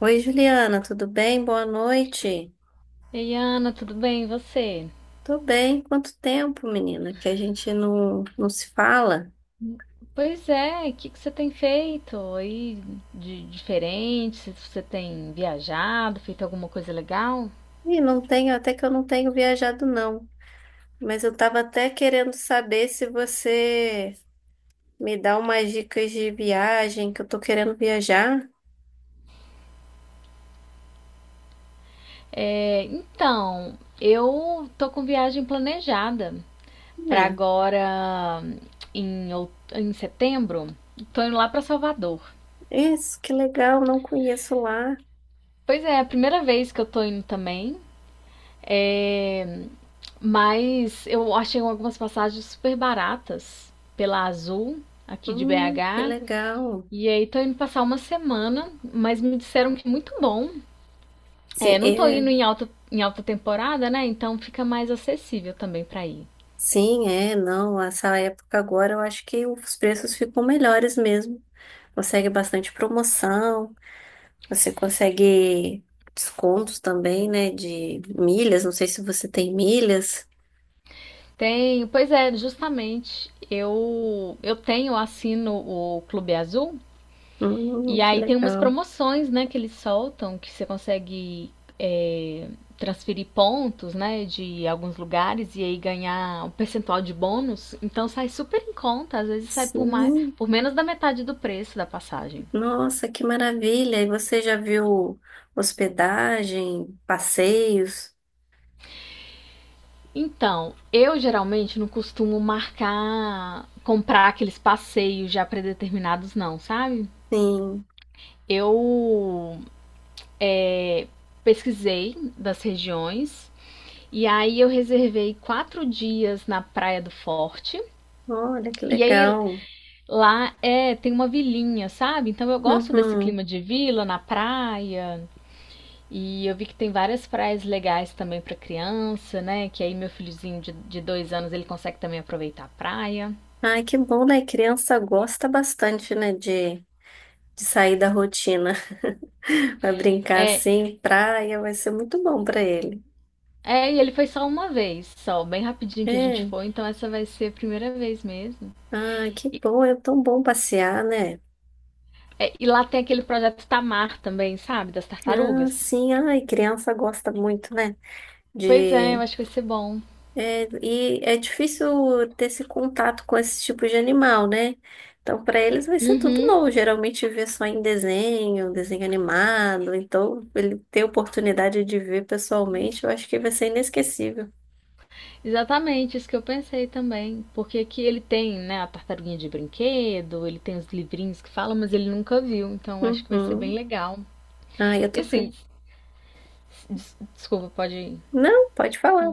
Oi, Juliana, tudo bem? Boa noite. Ei, Ana, tudo bem? E você? Tô bem. Quanto tempo, menina, que a gente não se fala? Pois é, o que que você tem feito aí de diferente? Se você tem viajado, feito alguma coisa legal? E não tenho, até que eu não tenho viajado, não. Mas eu tava até querendo saber se você me dá umas dicas de viagem, que eu tô querendo viajar. Então, eu tô com viagem planejada pra É, agora em setembro. Tô indo lá pra Salvador. isso, que legal, não conheço lá. Pois é, é a primeira vez que eu tô indo também. É, mas eu achei algumas passagens super baratas pela Azul aqui de Que BH. legal. E aí tô indo passar uma semana, mas me disseram que é muito bom. É, Sim, não tô é, indo em alta temporada, né? Então fica mais acessível também pra ir. sim, é, não, essa época agora eu acho que os preços ficam melhores mesmo. Consegue bastante promoção. Você consegue descontos também, né? De milhas. Não sei se você tem milhas. Tenho, pois é, justamente. Eu tenho, assino o Clube Azul e Que aí tem umas legal. promoções, né, que eles soltam que você consegue é, transferir pontos, né, de alguns lugares e aí ganhar um percentual de bônus. Então sai super em conta, às vezes sai Sim. por menos da metade do preço da passagem. Nossa, que maravilha. E você já viu hospedagem, passeios? Então, eu geralmente não costumo marcar, comprar aqueles passeios já predeterminados, não, sabe? Sim. Eu pesquisei das regiões e aí eu reservei quatro dias na Praia do Forte. Olha, que E aí legal. lá tem uma vilinha, sabe? Então eu gosto desse Uhum. clima de vila na praia. E eu vi que tem várias praias legais também para criança, né? Que aí meu filhozinho de dois anos ele consegue também aproveitar a praia. Ai, que bom, né? Criança gosta bastante, né? De sair da rotina. Vai brincar É, assim, praia, vai ser muito bom para ele. E ele foi só uma vez, só, bem rapidinho que a gente É. foi, então essa vai ser a primeira vez mesmo. Ah, que bom. É tão bom passear, né? É, e lá tem aquele projeto Tamar também, sabe? Das Ah, tartarugas. sim, ai, criança gosta muito, né? Pois é, eu De. acho que vai ser bom. É, e é difícil ter esse contato com esse tipo de animal, né? Então, para eles vai ser tudo Uhum, novo. Geralmente vê só em desenho, desenho animado. Então, ele ter oportunidade de ver pessoalmente, eu acho que vai ser inesquecível. exatamente, isso que eu pensei também. Porque aqui ele tem, né, a tartaruguinha de brinquedo, ele tem os livrinhos que falam, mas ele nunca viu, então eu acho que vai ser bem Uhum. legal. Ai, eu E tô. assim, desculpa, pode. Ir. Não, pode falar.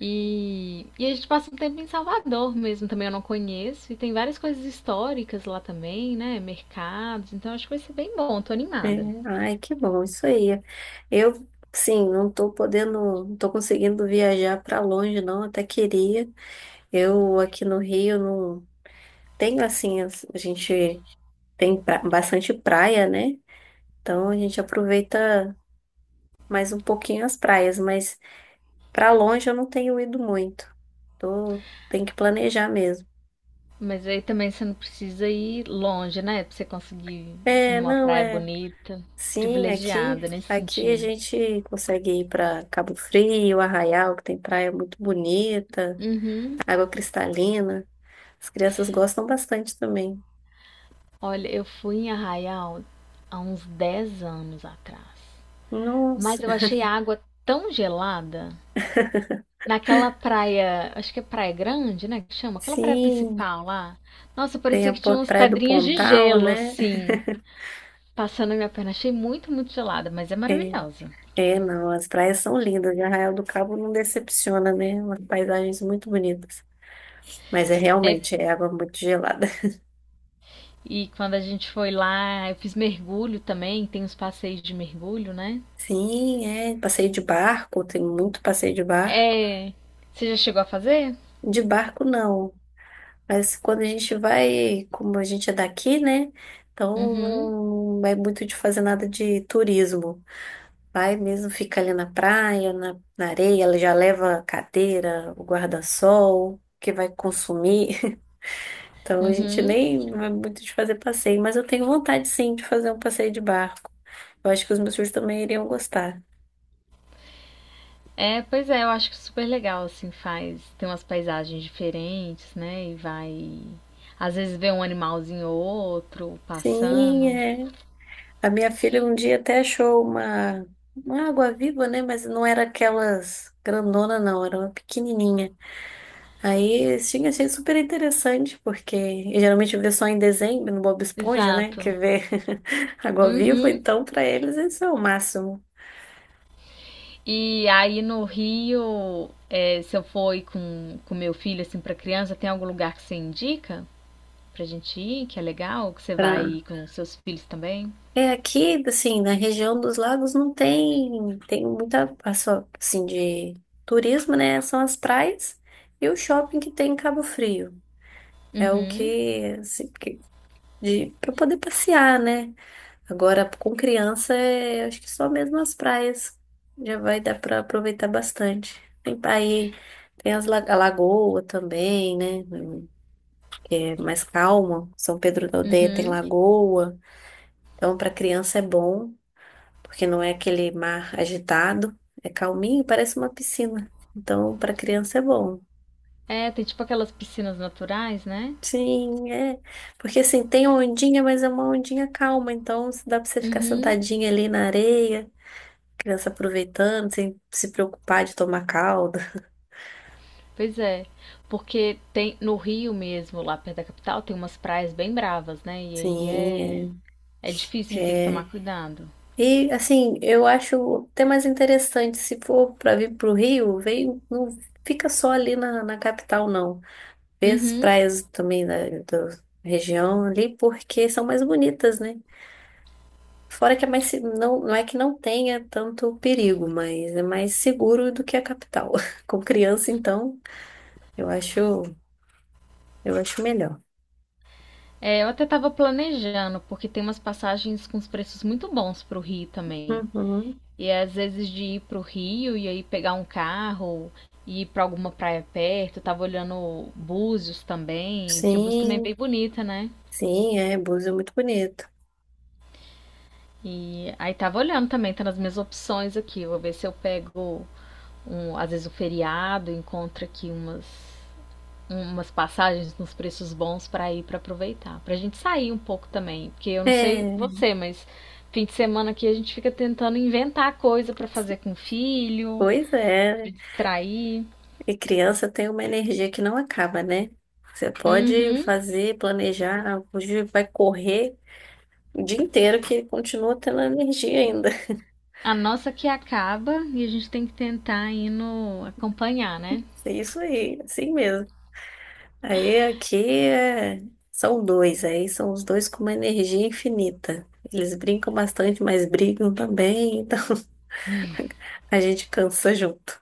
E a gente passa um tempo em Salvador mesmo, também eu não conheço. E tem várias coisas históricas lá também, né? Mercados, então acho que vai ser bem bom, tô É, animada. ai, que bom, isso aí. Eu, sim, não tô podendo, não tô conseguindo viajar para longe, não, até queria. Eu aqui no Rio não tenho assim, a gente tem bastante praia, né? Então a gente aproveita mais um pouquinho as praias, mas pra longe eu não tenho ido muito. Tô, tem que planejar mesmo. Mas aí também você não precisa ir longe, né? Pra você conseguir É, numa não praia é. bonita, Sim, aqui, privilegiada nesse aqui a sentido. gente consegue ir para Cabo Frio, Arraial, que tem praia muito bonita, Uhum. água cristalina. As crianças gostam bastante também. Olha, eu fui em Arraial há uns 10 anos atrás. Mas Nossa, eu achei a água tão gelada naquela praia, acho que é Praia Grande, né? Que chama? Aquela praia sim. principal lá. Nossa, Tem parecia a que tinha umas Praia do pedrinhas de Pontal, gelo, né? assim, passando na minha perna. Achei muito, muito gelada, mas é É, maravilhosa. é, não, as praias são lindas. E Arraial do Cabo não decepciona, né? Umas paisagens muito bonitas. Mas é É, realmente, é água muito gelada. e quando a gente foi lá, eu fiz mergulho também, tem uns passeios de mergulho, né? Sim, é. Passeio de barco, tem muito passeio de barco. É. Você já chegou a fazer? De barco, não. Mas quando a gente vai, como a gente é daqui, né? Então Uhum. não é muito de fazer nada de turismo. Vai mesmo, fica ali na praia, na areia, ela já leva a cadeira, o guarda-sol, que vai consumir. Então a gente Uhum. nem vai muito de fazer passeio, mas eu tenho vontade sim de fazer um passeio de barco. Eu acho que os meus filhos também iriam gostar. É, pois é, eu acho que é super legal, assim, faz. Tem umas paisagens diferentes, né? E vai. Às vezes vê um animalzinho ou outro Sim, passando. é. A minha filha um dia até achou uma água-viva, né? Mas não era aquelas grandona, não, era uma pequenininha. Aí, assim, achei super interessante, porque eu geralmente vê só em dezembro no Bob Esponja, né? Exato. Que vê água-viva, Uhum. então para eles esse é o máximo. E aí no Rio, é, se eu for ir com meu filho, assim, pra criança, tem algum lugar que você indica pra gente ir, que é legal, que você vai Pra... ir com seus filhos também? É aqui, assim, na região dos lagos não tem, tem muita, a só, assim, de turismo, né? São as praias e o shopping que tem em Cabo Frio. É o Uhum. que, assim, que de, para poder passear, né? Agora, com criança, é, acho que só mesmo as praias já vai dar para aproveitar bastante. Tem aí, tem a lagoa também, né? Que é mais calma. São Pedro da Aldeia tem Uhum. lagoa. Então, para criança é bom, porque não é aquele mar agitado, é calminho, parece uma piscina. Então, para criança é bom. É, tem tipo aquelas piscinas naturais, né? Sim, é. Porque assim, tem ondinha, mas é uma ondinha calma, então dá para você ficar Uhum. sentadinha ali na areia. Criança aproveitando, sem se preocupar de tomar calda. Pois é. Porque tem no Rio mesmo, lá perto da capital, tem umas praias bem bravas, né? Sim, É difícil e tem que é. tomar É. cuidado. E, assim, eu acho até mais interessante, se for para vir para o Rio, vem, não fica só ali na capital, não. Vê as Uhum. praias também da região ali, porque são mais bonitas, né? Fora que é mais, não, não é que não tenha tanto perigo, mas é mais seguro do que a capital. Com criança, então, eu acho, eu acho melhor. É, eu até estava planejando, porque tem umas passagens com os preços muito bons para o Rio também. Uhum. E é, às vezes de ir para o Rio e aí pegar um carro e ir para alguma praia perto. Eu tava olhando Búzios também, porque Búzios também é bem Sim. bonita, né? Sim, é, Búzios é muito bonito. E aí tava olhando também, tá nas minhas opções aqui. Vou ver se eu pego às vezes um feriado, encontro aqui umas passagens nos preços bons para ir para aproveitar, para a gente sair um pouco também, porque eu não sei É, você, mas fim de semana aqui a gente fica tentando inventar coisa para fazer com o filho, pois para é. distrair. E criança tem uma energia que não acaba, né? Você pode Uhum. fazer, planejar, hoje vai correr o dia inteiro que continua tendo energia ainda. A nossa que acaba e a gente tem que tentar ir no acompanhar, né? É isso aí, assim mesmo. Aí aqui é... são dois, aí são os dois com uma energia infinita. Eles brincam bastante, mas brigam também, então a gente cansa junto.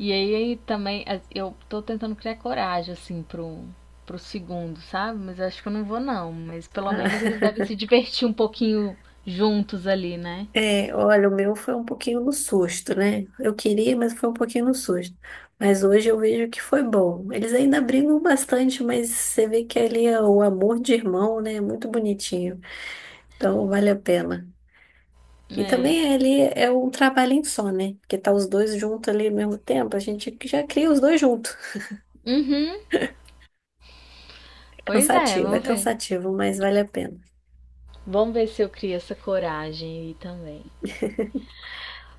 E aí também eu tô tentando criar coragem assim pro segundo, sabe? Mas eu acho que eu não vou não, mas pelo Ah, menos eles devem se divertir um pouquinho juntos ali, né? é, olha, o meu foi um pouquinho no susto, né? Eu queria, mas foi um pouquinho no susto. Mas hoje eu vejo que foi bom. Eles ainda brigam bastante, mas você vê que ali é o amor de irmão, né? É muito bonitinho. Então vale a pena. E É. também ali é um trabalhinho só, né? Porque tá os dois juntos ali ao mesmo tempo, a gente já cria os dois juntos. Uhum. Pois é, Cansativo, é vamos ver. cansativo, mas vale a pena. Vamos ver se eu crio essa coragem aí também.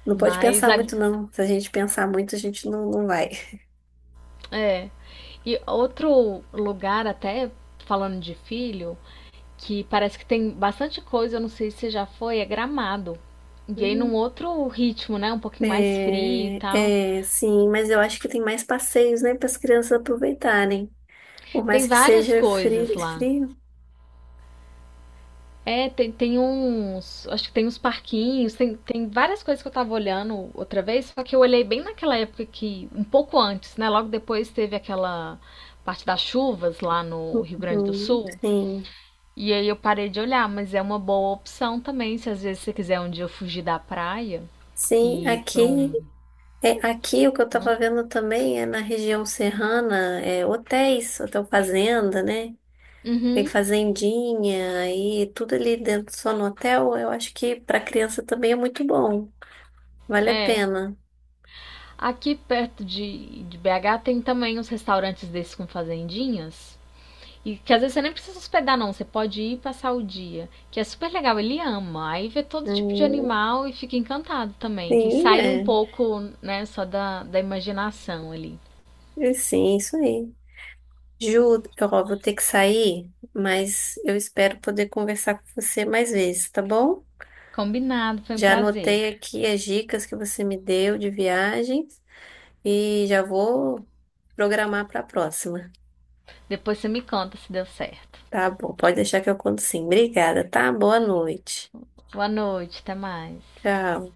Não pode Mas pensar a- muito, não. Se a gente pensar muito, a gente não vai. é. E outro lugar, até falando de filho, que parece que tem bastante coisa, eu não sei se já foi, é Gramado. E aí num outro ritmo, né? Um pouquinho mais frio e tal. É, é, sim, mas eu acho que tem mais passeios, né, para as crianças aproveitarem. Por Tem mais que várias seja coisas frio, lá. frio. Tem uns. Acho que tem uns parquinhos, tem várias coisas que eu tava olhando outra vez, só que eu olhei bem naquela época que. Um pouco antes, né? Logo depois teve aquela parte das chuvas lá no Rio Grande do Uhum, Sul. sim, E aí eu parei de olhar, mas é uma boa opção também, se às vezes você quiser um dia fugir da praia sim. e ir pra Aqui, um. é, aqui o que eu estava Né? vendo também é na região serrana, é, hotéis, hotel fazenda, né? Tem Uhum, fazendinha aí tudo ali dentro só no hotel. Eu acho que para criança também é muito bom. Vale a é. pena. Aqui perto de BH tem também uns restaurantes desses com fazendinhas. E que às vezes você nem precisa hospedar, não. Você pode ir passar o dia. Que é super legal. Ele ama. Aí vê todo tipo de Hum, animal e fica encantado também. Que sim, sai um é. pouco, né, só da imaginação ali. E sim, isso aí. Ju, ó, vou ter que sair, mas eu espero poder conversar com você mais vezes, tá bom? Combinado, foi um Já prazer. anotei aqui as dicas que você me deu de viagem e já vou programar para a próxima. Depois você me conta se deu certo. Tá bom, pode deixar que eu conto sim. Obrigada, tá? Boa noite. Boa noite, até mais. Tchau.